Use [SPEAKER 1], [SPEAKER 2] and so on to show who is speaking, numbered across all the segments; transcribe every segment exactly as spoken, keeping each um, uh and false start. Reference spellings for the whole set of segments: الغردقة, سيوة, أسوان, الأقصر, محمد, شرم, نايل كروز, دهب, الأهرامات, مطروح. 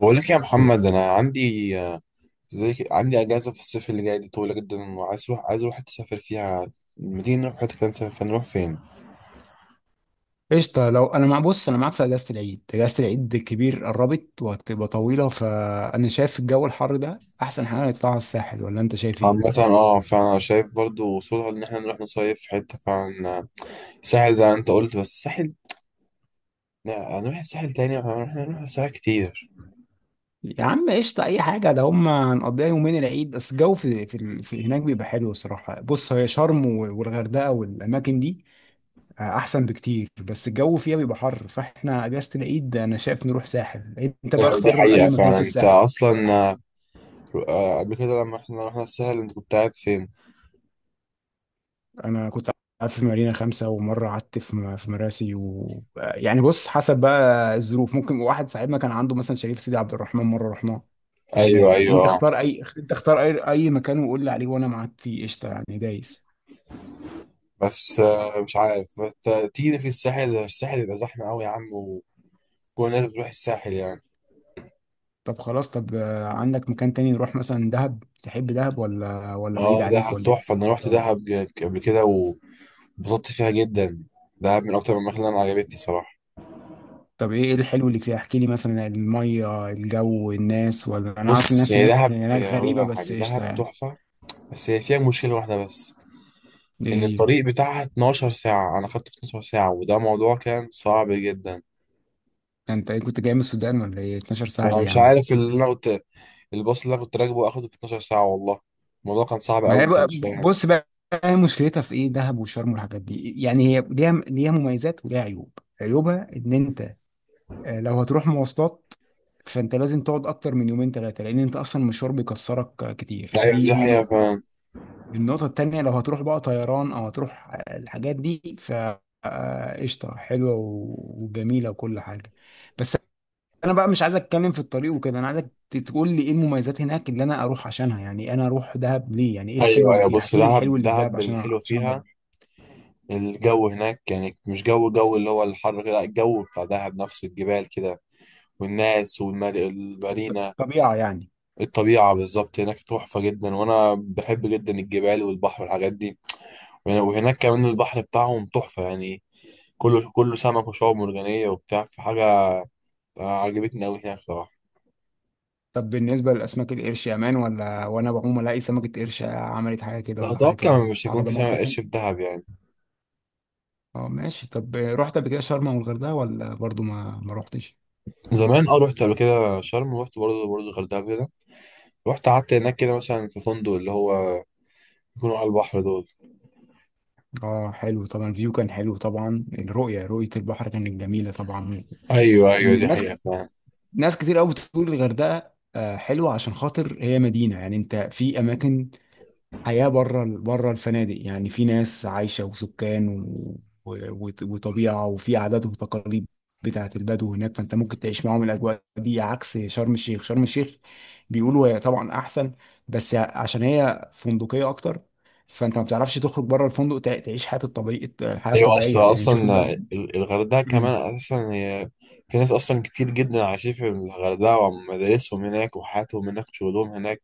[SPEAKER 1] بقول لك يا محمد، انا عندي زي عندي اجازه في الصيف اللي جاي دي طويله جدا، وعايز اروح عايز اروح حته اسافر فيها. ما تيجي نروح حته كده نسافر، فنروح فين؟
[SPEAKER 2] قشطة. لو أنا مع بص أنا معاك في أجازة العيد أجازة العيد الكبير قربت وهتبقى طويلة، فأنا شايف الجو الحر ده أحسن حاجة نطلع على الساحل، ولا أنت شايف إيه؟
[SPEAKER 1] عامه اه فانا شايف برضو وصولها ان احنا نروح نصيف في حته فعلا، ساحل زي ما انت قلت. بس الساحل لا، هنروح الساحل تاني، احنا هنروح الساحل كتير.
[SPEAKER 2] يا عم قشطة، أي حاجة، ده هما هنقضيها يومين العيد بس. الجو في, في, ال- في هناك بيبقى حلو الصراحة. بص، هي شرم و- والغردقة والأماكن دي آه، أحسن بكتير، بس الجو فيها بيبقى حر، فإحنا أجازة العيد أنا شايف نروح ساحل. أنت بقى
[SPEAKER 1] آه، دي
[SPEAKER 2] اختار
[SPEAKER 1] حقيقه
[SPEAKER 2] أي مكان
[SPEAKER 1] فعلا.
[SPEAKER 2] في
[SPEAKER 1] انت
[SPEAKER 2] الساحل.
[SPEAKER 1] اصلا آه، قبل كده لما احنا رحنا الساحل انت كنت قاعد فين؟
[SPEAKER 2] انا كنت قعدت في مارينا خمسة، ومرة قعدت في م- في مراسي، و يعني بص حسب بقى الظروف، ممكن واحد صاحبنا كان عنده مثلا شريف سيدي عبد الرحمن مرة رحناه
[SPEAKER 1] ايوه،
[SPEAKER 2] هناك.
[SPEAKER 1] ايوه،
[SPEAKER 2] انت
[SPEAKER 1] اه.
[SPEAKER 2] اختار اي انت اختار اي اي مكان وقول لي عليه وانا معاك فيه قشطة يعني دايس.
[SPEAKER 1] بس آه، مش عارف، بس آه، تيجي في الساحل، الساحل بيبقى زحمه قوي يا عم، كل الناس بتروح الساحل يعني.
[SPEAKER 2] طب خلاص، طب آه، عندك مكان تاني نروح مثلا دهب؟ تحب دهب ولا ولا بعيد
[SPEAKER 1] اه،
[SPEAKER 2] عليك
[SPEAKER 1] دهب
[SPEAKER 2] ولا ايه؟
[SPEAKER 1] تحفة. أنا روحت دهب ج- قبل كده وانبسطت فيها جدا. دهب من أكتر الأماكن اللي أنا عجبتني صراحة.
[SPEAKER 2] طب ايه إيه الحلو اللي فيها، احكي لي مثلا المية، الجو، الناس، ولا انا عارف
[SPEAKER 1] بص،
[SPEAKER 2] الناس
[SPEAKER 1] هي
[SPEAKER 2] هناك
[SPEAKER 1] دهب
[SPEAKER 2] هناك
[SPEAKER 1] هي أقول لك
[SPEAKER 2] غريبة
[SPEAKER 1] على
[SPEAKER 2] بس
[SPEAKER 1] حاجة،
[SPEAKER 2] قشطة
[SPEAKER 1] دهب
[SPEAKER 2] يعني.
[SPEAKER 1] تحفة. بس هي فيها مشكلة واحدة بس،
[SPEAKER 2] ايه
[SPEAKER 1] إن
[SPEAKER 2] هي؟
[SPEAKER 1] الطريق بتاعها اتناشر ساعة. أنا خدت اتناشر ساعة، وده موضوع كان صعب جدا.
[SPEAKER 2] انت ايه كنت جاي من السودان ولا ايه؟ اتناشر ساعة
[SPEAKER 1] أنا
[SPEAKER 2] ليه يا
[SPEAKER 1] مش
[SPEAKER 2] عم؟
[SPEAKER 1] عارف، اللي أنا كنت الباص اللي أنا كنت راكبه أخده في اتناشر ساعة والله. الموضوع كان صعب
[SPEAKER 2] ما
[SPEAKER 1] أوي،
[SPEAKER 2] هي
[SPEAKER 1] أنت
[SPEAKER 2] بقى-
[SPEAKER 1] مش فاهم.
[SPEAKER 2] بص بقى، هي مشكلتها في ايه دهب وشرم والحاجات دي؟ يعني هي ليها ليها مميزات وليها عيوب. عيوبها ان انت آه، لو هتروح مواصلات، فانت لازم تقعد اكتر من يومين ثلاثة، لان انت اصلا المشوار بيكسرك آه، كتير.
[SPEAKER 1] أيوة،
[SPEAKER 2] دي
[SPEAKER 1] دي
[SPEAKER 2] دي
[SPEAKER 1] حقيقة،
[SPEAKER 2] نقطة.
[SPEAKER 1] فاهم.
[SPEAKER 2] النقطة التانية، لو هتروح بقى طيران او هتروح آه، الحاجات دي، ف آه، قشطة، حلوة و- وجميلة وكل حاجة. بس انا بقى مش عايز اتكلم في الطريق وكده، انا عايزك ت- تقول لي ايه المميزات هناك اللي انا اروح عشانها. يعني انا اروح دهب ليه؟ يعني ايه الحلو
[SPEAKER 1] أيوة،
[SPEAKER 2] اللي
[SPEAKER 1] أيوة،
[SPEAKER 2] فيها؟
[SPEAKER 1] بص،
[SPEAKER 2] احكي لي الحلو
[SPEAKER 1] دهب
[SPEAKER 2] اللي في دهب
[SPEAKER 1] دهب
[SPEAKER 2] عشان أ-
[SPEAKER 1] الحلوة
[SPEAKER 2] عشان أنا
[SPEAKER 1] فيها
[SPEAKER 2] اروح.
[SPEAKER 1] الجو هناك يعني مش جو جو اللي هو الحر كده، لا، الجو بتاع دهب نفسه، الجبال كده، والناس والمارينا.
[SPEAKER 2] طبيعه يعني.
[SPEAKER 1] الطبيعة بالظبط هناك تحفة جدا، وأنا بحب جدا الجبال والبحر والحاجات دي. وهنا- وهناك كمان البحر بتاعهم تحفة يعني، كله كله سمك وشعاب مرجانية وبتاع في حاجة. آه، عجبتني أوي هناك صراحة.
[SPEAKER 2] طب بالنسبه لاسماك القرش يا مان، ولا وانا بعوم الاقي سمكه قرش عملت حاجه كده
[SPEAKER 1] لا،
[SPEAKER 2] ولا حاجه كده،
[SPEAKER 1] أتوقع مش
[SPEAKER 2] على
[SPEAKER 1] هيكون في سمك
[SPEAKER 2] ضمانتك انت؟
[SPEAKER 1] قرش في دهب يعني.
[SPEAKER 2] اه ماشي. طب رحت قبل كده شرم والغردقه ولا برضو ما ما رحتش؟
[SPEAKER 1] زمان أه، رحت قبل كده شرم، ورحت برضه برضه الغردقة كده. رحت قعدت هناك كده، مثلا في فندق اللي هو يكونوا على البحر دول.
[SPEAKER 2] اه حلو طبعا، الفيو كان حلو طبعا، الرؤيه، رؤيه البحر كانت جميله طبعا.
[SPEAKER 1] ايوه، ايوه، دي
[SPEAKER 2] الناس،
[SPEAKER 1] حقيقة.
[SPEAKER 2] ناس كتير قوي بتقول الغردقه آه، حلوه، عشان خاطر هي مدينه. يعني انت في اماكن، حياه بره بره الفنادق. يعني في ناس عايشه وسكان و... و... وط- وطبيعه، وفي عادات وتقاليد بتاعت البدو هناك، فانت ممكن تعيش معاهم الاجواء دي عكس شرم الشيخ. شرم الشيخ بيقولوا هي طبعا احسن، بس عشان هي فندقيه اكتر، فانت ما بتعرفش تخرج بره الفندق تع- تعيش حياه الطبيعيه الحياه
[SPEAKER 1] ايوه، اصل
[SPEAKER 2] الطبيعيه. يعني نشوف
[SPEAKER 1] اصلا ال- الغردقه كمان اساسا هي في ناس اصلا كتير جدا عايشين في الغردقه، ومدارسهم هناك وحياتهم هناك وشغلهم هناك.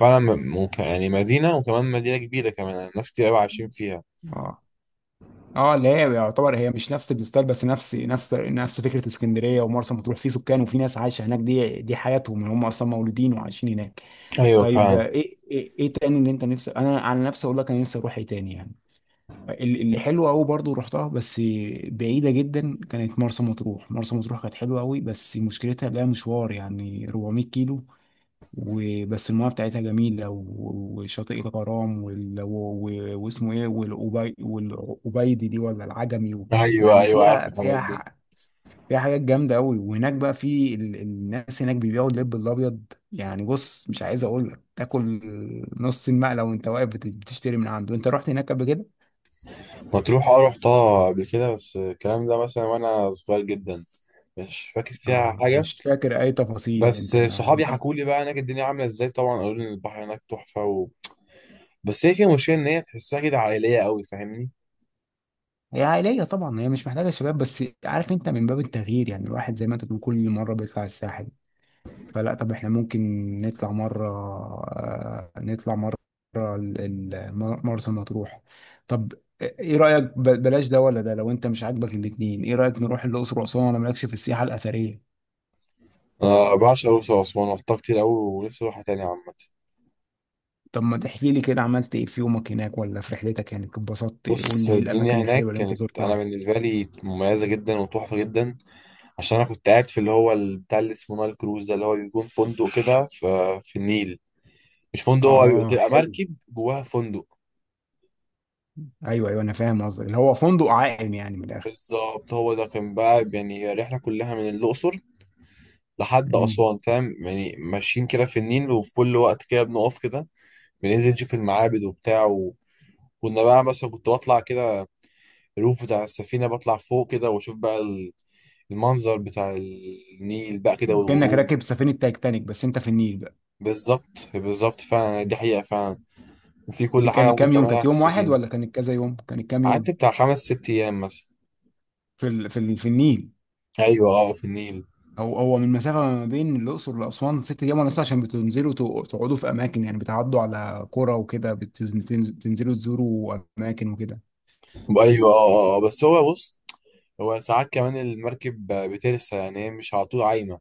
[SPEAKER 1] فعلا م- ممكن يعني، مدينه وكمان مدينه كبيره كمان يعني، ناس كتير قوي عايشين فيها.
[SPEAKER 2] بقى. اه اللي هي يعتبر هي مش نفس الستايل، بس نفس نفس نفس فكره اسكندريه ومرسى مطروح، في سكان وفي ناس عايشه هناك. دي دي حياتهم يعني، هم اصلا مولودين وعايشين هناك.
[SPEAKER 1] ايوه،
[SPEAKER 2] طيب
[SPEAKER 1] فاهم.
[SPEAKER 2] آه، ايه ايه, إيه تاني اللي انت نفسك؟ انا على نفسي اقول لك، انا نفسي اروح ايه تاني يعني. ال- اللي حلو قوي برضو رحتها بس بعيده جدا، كانت مرسى مطروح. مرسى مطروح كانت حلوه قوي، بس مشكلتها لها مشوار يعني اربعمائة كيلو. وبس المياه بتاعتها جميلة و- وشاطئ الغرام، وال... و... و... واسمه ايه، والأبي... والأبيدي دي، ولا العجمي و...
[SPEAKER 1] ايوه،
[SPEAKER 2] يعني
[SPEAKER 1] ايوه، عارف
[SPEAKER 2] فيها
[SPEAKER 1] الحاجات
[SPEAKER 2] فيها ح...
[SPEAKER 1] دي.
[SPEAKER 2] فيها حاجات جامدة أوي. وهناك بقى في ال... الناس هناك بيبيعوا اللب الأبيض. يعني بص، مش عايز أقول لك تاكل نص المقلة وأنت واقف بت- بتشتري من عنده. أنت رحت هناك قبل كده؟
[SPEAKER 1] مطروح، اه، رحتها قبل كده، بس الكلام ده مثلا وانا صغير جدا، مش فاكر فيها
[SPEAKER 2] اه
[SPEAKER 1] حاجه.
[SPEAKER 2] مش فاكر أي تفاصيل
[SPEAKER 1] بس
[SPEAKER 2] أنت، أنا
[SPEAKER 1] صحابي حكوا لي بقى هناك الدنيا عامله ازاي، طبعا قالوا لي إن البحر هناك تحفه و. بس هي كده مشكله ان هي تحسها كده عائليه قوي، فاهمني.
[SPEAKER 2] هي عائلية طبعا، هي مش محتاجة شباب. بس عارف، أنت من باب التغيير يعني، الواحد زي ما أنت بتقول كل مرة بيطلع الساحل، فلا. طب احنا ممكن نطلع مرة آه، نطلع مرة ال- ال- مرسى مطروح. طب ايه رأيك؟ ب- بلاش ده ولا ده؟ لو انت مش عاجبك الاتنين، ايه رأيك نروح الأقصر وأسوان، ولا مالكش في السياحة الأثرية؟
[SPEAKER 1] أنا بعشق الأقصر وأسوان، رحتها كتير أوي ونفسي أروحها تاني عامة.
[SPEAKER 2] طب ما تحكي لي كده، عملت ايه في يومك هناك ولا في رحلتك؟ يعني اتبسطت إيه؟ قول
[SPEAKER 1] بص،
[SPEAKER 2] لي ايه
[SPEAKER 1] الدنيا
[SPEAKER 2] الأماكن
[SPEAKER 1] هناك
[SPEAKER 2] الحلوة اللي انت
[SPEAKER 1] كانت أنا
[SPEAKER 2] زرتها.
[SPEAKER 1] بالنسبة لي مميزة جدا وتحفة جدا. عشان أنا كنت قاعد في اللي هو ال- بتاع اللي اسمه نايل كروز، ده اللي هو بيكون فندق كده في, في النيل. مش فندق، هو
[SPEAKER 2] اه
[SPEAKER 1] بتبقى
[SPEAKER 2] حلو.
[SPEAKER 1] مركب جواها فندق.
[SPEAKER 2] ايوه ايوه انا فاهم قصدك، اللي هو فندق عائم يعني من الآخر.
[SPEAKER 1] بالظبط، هو ده كان بقى يعني رحلة كلها من الأقصر لحد
[SPEAKER 2] مم.
[SPEAKER 1] أسوان، فاهم يعني، ماشيين كده في النيل وفي كل وقت كده بنقف كده، بننزل نشوف المعابد وبتاع و. كنا بقى مثلا كنت بطلع كده الروف بتاع السفينة، بطلع فوق كده واشوف بقى ال- المنظر بتاع النيل بقى كده
[SPEAKER 2] كأنك
[SPEAKER 1] والغروب.
[SPEAKER 2] راكب سفينة تايتانيك بس انت في النيل بقى.
[SPEAKER 1] بالظبط، بالظبط فعلا، دي حقيقة فعلا، وفي
[SPEAKER 2] دي
[SPEAKER 1] كل حاجة
[SPEAKER 2] كانت
[SPEAKER 1] ممكن
[SPEAKER 2] كام يوم؟ كانت
[SPEAKER 1] تعملها في
[SPEAKER 2] يوم واحد
[SPEAKER 1] السفينة.
[SPEAKER 2] ولا كانت كذا يوم؟ كانت كام
[SPEAKER 1] قعدت
[SPEAKER 2] يوم؟
[SPEAKER 1] بتاع خمس ست أيام مثلا.
[SPEAKER 2] في ال... في ال... في النيل؟
[SPEAKER 1] أيوة، أه، في النيل.
[SPEAKER 2] هو هو من مسافه ما بين الاقصر لاسوان ست ايام ونص، عشان بتنزلوا تق- تقعدوا في اماكن، يعني بتعدوا على قرى وكده، بتنز- بتنز- بتنزلوا تزوروا اماكن وكده.
[SPEAKER 1] أيوة، أه، أه، آه. بس هو بص، هو ساعات كمان المركب بترسى يعني، هي مش على طول عايمة.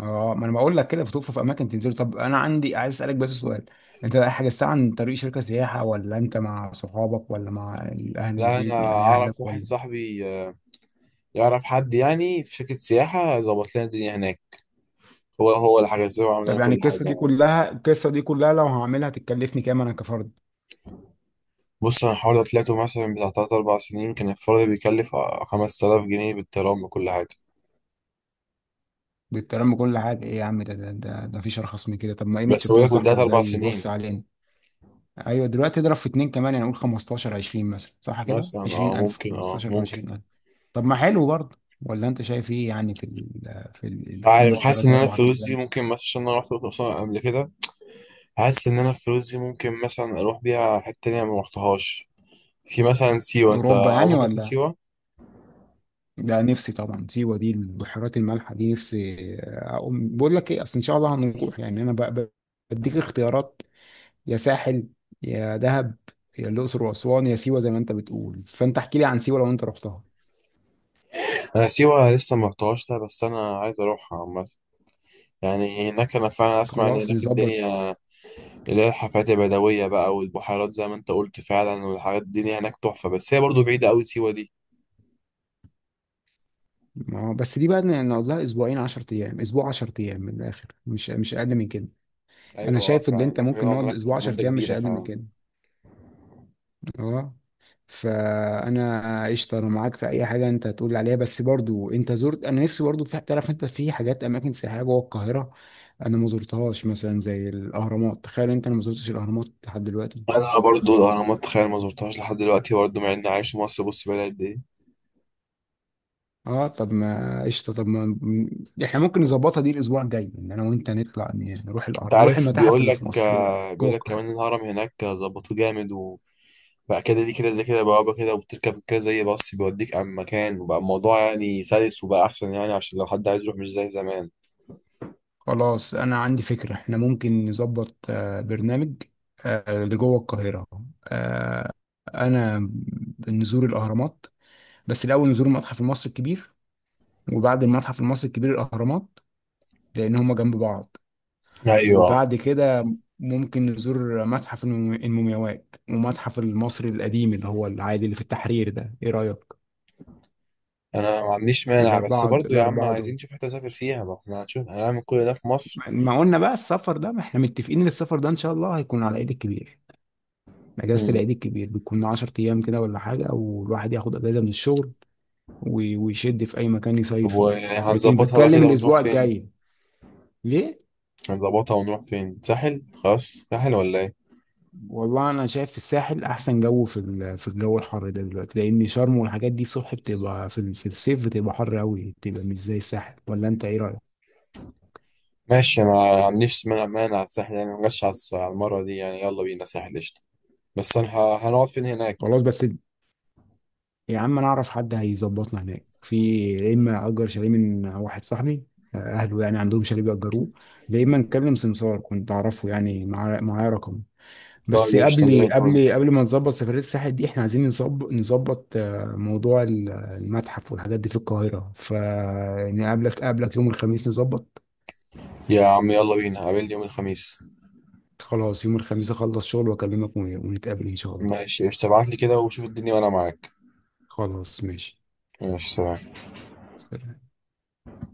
[SPEAKER 2] اه ما انا بقول لك كده، بتقفوا في اماكن تنزلوا. طب انا عندي عايز اسالك بس سؤال، انت بقى حجزتها عن طريق شركه سياحه، ولا انت مع صحابك، ولا مع اهل
[SPEAKER 1] لا، أنا
[SPEAKER 2] البيت يعني
[SPEAKER 1] أعرف
[SPEAKER 2] اهلك
[SPEAKER 1] واحد
[SPEAKER 2] ولا؟
[SPEAKER 1] صاحبي آه، يعرف حد يعني في شركة سياحة، ظبط لنا الدنيا هناك. هو هو اللي حجز له وعمل
[SPEAKER 2] طب
[SPEAKER 1] لنا
[SPEAKER 2] يعني
[SPEAKER 1] كل
[SPEAKER 2] القصه دي
[SPEAKER 1] حاجة.
[SPEAKER 2] كلها القصه دي كلها لو هعملها تكلفني كام انا كفرد؟
[SPEAKER 1] بص، انا حوالي طلعته مثلا بتاع تلات اربع سنين، كان الفرد بيكلف خمس تلاف جنيه، بالترام بكل حاجة.
[SPEAKER 2] بالكلام بكل حاجه؟ ايه يا عم ده ده ده, ده مفيش ارخص من كده. طب ما ايه، ما
[SPEAKER 1] بس
[SPEAKER 2] تشوف لنا
[SPEAKER 1] بقولك من تلات
[SPEAKER 2] صاحبك ده
[SPEAKER 1] اربع سنين.
[SPEAKER 2] يوصي علينا. ايوه دلوقتي اضرب في اتنين كمان، يعني قول خمستاشر عشرين مثلا، صح كده،
[SPEAKER 1] مثلا اه،
[SPEAKER 2] عشرين الف
[SPEAKER 1] ممكن، اه
[SPEAKER 2] خمسة عشر الف
[SPEAKER 1] ممكن.
[SPEAKER 2] عشرين الف. طب ما حلو برضه، ولا انت شايف ايه؟ يعني في ال في
[SPEAKER 1] عارف،
[SPEAKER 2] الخمس
[SPEAKER 1] حاسس
[SPEAKER 2] ثلاث
[SPEAKER 1] ان انا
[SPEAKER 2] اربع
[SPEAKER 1] الفلوس دي
[SPEAKER 2] ايام.
[SPEAKER 1] ممكن مثلا، عشان انا رحت الاقصر قبل كده، حاسس ان انا الفلوس دي ممكن مثلا اروح بيها حتة تانية ما رحتهاش. في مثلا سيوة، انت
[SPEAKER 2] اوروبا يعني
[SPEAKER 1] عمرك رحت
[SPEAKER 2] ولا؟
[SPEAKER 1] سيوة؟
[SPEAKER 2] لا، نفسي طبعا. سيوه دي البحيرات المالحه دي، نفسي. اقوم بقول لك ايه، اصل ان شاء الله هنروح يعني، انا ب- ب- بديك اختيارات: يا ساحل، يا دهب، يا الاقصر واسوان، يا سيوه. زي ما انت بتقول، فانت احكي لي عن سيوه لو انت رحتها.
[SPEAKER 1] انا سيوة لسه ما رحتهاش ده، بس انا عايز اروحها عامة. يعني هناك، انا فعلا اسمع ان
[SPEAKER 2] خلاص
[SPEAKER 1] هناك
[SPEAKER 2] نظبط.
[SPEAKER 1] الدنيا اللي هي الحفلات البدوية بقى، والبحيرات زي ما انت قلت فعلا، والحاجات الدنيا هناك تحفة. بس هي برضو بعيدة أوي سيوة دي.
[SPEAKER 2] ما هو بس دي بقى ن- نقول لها اسبوعين عشرة ايام، اسبوع عشرة ايام من الاخر، مش مش اقل من كده. انا
[SPEAKER 1] أيوة، اه،
[SPEAKER 2] شايف ان
[SPEAKER 1] فعلا
[SPEAKER 2] انت
[SPEAKER 1] محتاجين
[SPEAKER 2] ممكن
[SPEAKER 1] نقعد
[SPEAKER 2] نقعد
[SPEAKER 1] هناك
[SPEAKER 2] اسبوع عشرة
[SPEAKER 1] مدة
[SPEAKER 2] ايام، مش
[SPEAKER 1] كبيرة
[SPEAKER 2] اقل من
[SPEAKER 1] فعلا.
[SPEAKER 2] كده. اه. فانا قشطه، انا معاك في اي حاجه انت هتقول عليها، بس برضو انت زرت، انا نفسي برضو، في تعرف انت في حاجات اماكن سياحيه جوه القاهره انا ما زرتهاش، مثلا زي الاهرامات. تخيل انت، انا ما زرتش الاهرامات لحد دلوقتي.
[SPEAKER 1] أنا برضو الأهرامات، تخيل ما زرتهاش لحد دلوقتي برضو مع إني عايش في مصر. بص، بقالي قد إيه.
[SPEAKER 2] اه طب ما قشطه، طب ما م- احنا ممكن نظبطها دي الاسبوع الجاي، ان انا وانت نطلع ن- نروح
[SPEAKER 1] أنت
[SPEAKER 2] الاهرام، نروح
[SPEAKER 1] عارف،
[SPEAKER 2] المتاحف
[SPEAKER 1] بيقول
[SPEAKER 2] اللي في
[SPEAKER 1] لك
[SPEAKER 2] مصر. إيه رأيك؟
[SPEAKER 1] آه،
[SPEAKER 2] جوه
[SPEAKER 1] بيقول لك
[SPEAKER 2] القاهره.
[SPEAKER 1] كمان الهرم هناك ظبطوه جامد، وبقى كده دي كده زي كده بوابة كده، وبتركب كده زي باص بيوديك عن مكان، وبقى الموضوع يعني سلس وبقى أحسن يعني، عشان لو حد عايز يروح مش زي زمان.
[SPEAKER 2] خلاص انا عندي فكره، احنا ممكن نظبط آه، برنامج آه، لجوه القاهره. آه، انا نزور الاهرامات، بس الاول نزور المتحف المصري الكبير. وبعد المتحف المصري الكبير الاهرامات، لان هما جنب بعض.
[SPEAKER 1] أيوة،
[SPEAKER 2] وبعد كده ممكن نزور متحف الم- المومياوات، ومتحف المصري القديم اللي هو العادي اللي في التحرير ده. ايه رايك؟
[SPEAKER 1] انا ما عنديش مانع، بس
[SPEAKER 2] الاربعه
[SPEAKER 1] برضو يا عم،
[SPEAKER 2] الاربعه
[SPEAKER 1] عايزين
[SPEAKER 2] دول،
[SPEAKER 1] نشوف حته نسافر فيها بقى، احنا هنشوف هنعمل كل ده في مصر.
[SPEAKER 2] ما ما قلنا بقى السفر ده، ما احنا متفقين ان السفر ده ان شاء الله هيكون على ايد الكبير. اجازه
[SPEAKER 1] امم
[SPEAKER 2] العيد الكبير بتكون عشرة ايام كده ولا حاجه، والواحد ياخد اجازه من الشغل و- ويشد في اي مكان
[SPEAKER 1] طب،
[SPEAKER 2] يصيف فيه. لكن
[SPEAKER 1] وهنظبطها بقى
[SPEAKER 2] بتكلم
[SPEAKER 1] كده ونروح
[SPEAKER 2] الاسبوع
[SPEAKER 1] فين؟
[SPEAKER 2] الجاي ليه؟
[SPEAKER 1] هنظبطها ونروح فين، ساحل خلاص، ساحل ولا ايه؟
[SPEAKER 2] والله انا شايف في الساحل احسن جو في ال- في الجو الحر ده دلوقتي، لان شرم والحاجات دي صبح بتبقى في ال- في الصيف بتبقى حر قوي، بتبقى مش زي الساحل. ولا انت ايه رايك؟
[SPEAKER 1] ماشي، ما عنديش مانع مانع على الساحل يعني، ما جاش على الس- على المره دي يعني، يلا بينا ساحل قشطه. بس انا ه- هنقعد فين هناك؟
[SPEAKER 2] خلاص بس يا عم، انا اعرف حد هيظبطنا هناك، في يا اما اجر شاليه من واحد صاحبي، آه، اهله يعني عندهم شاليه بيأجروه، يا اما نكلم سمسار كنت اعرفه يعني معاه معاه رقم. بس
[SPEAKER 1] طيب قشطه زي
[SPEAKER 2] قبل
[SPEAKER 1] الفل.
[SPEAKER 2] قبل قبل ما نظبط سفرية الساحل دي، احنا عايزين نظبط نظبط آه، موضوع ال- المتحف والحاجات دي في القاهرة. فنقابلك، قابلك يوم الخميس نظبط.
[SPEAKER 1] يا عم، يلا بينا، قابلني يوم الخميس.
[SPEAKER 2] خلاص يوم الخميس اخلص شغل واكلمك ون- ونتقابل ان شاء الله.
[SPEAKER 1] ماشي قشطه، ابعت لي كده وشوف الدنيا وانا معاك.
[SPEAKER 2] خلاص ماشي.
[SPEAKER 1] ماشي، سلام.
[SPEAKER 2] سلام.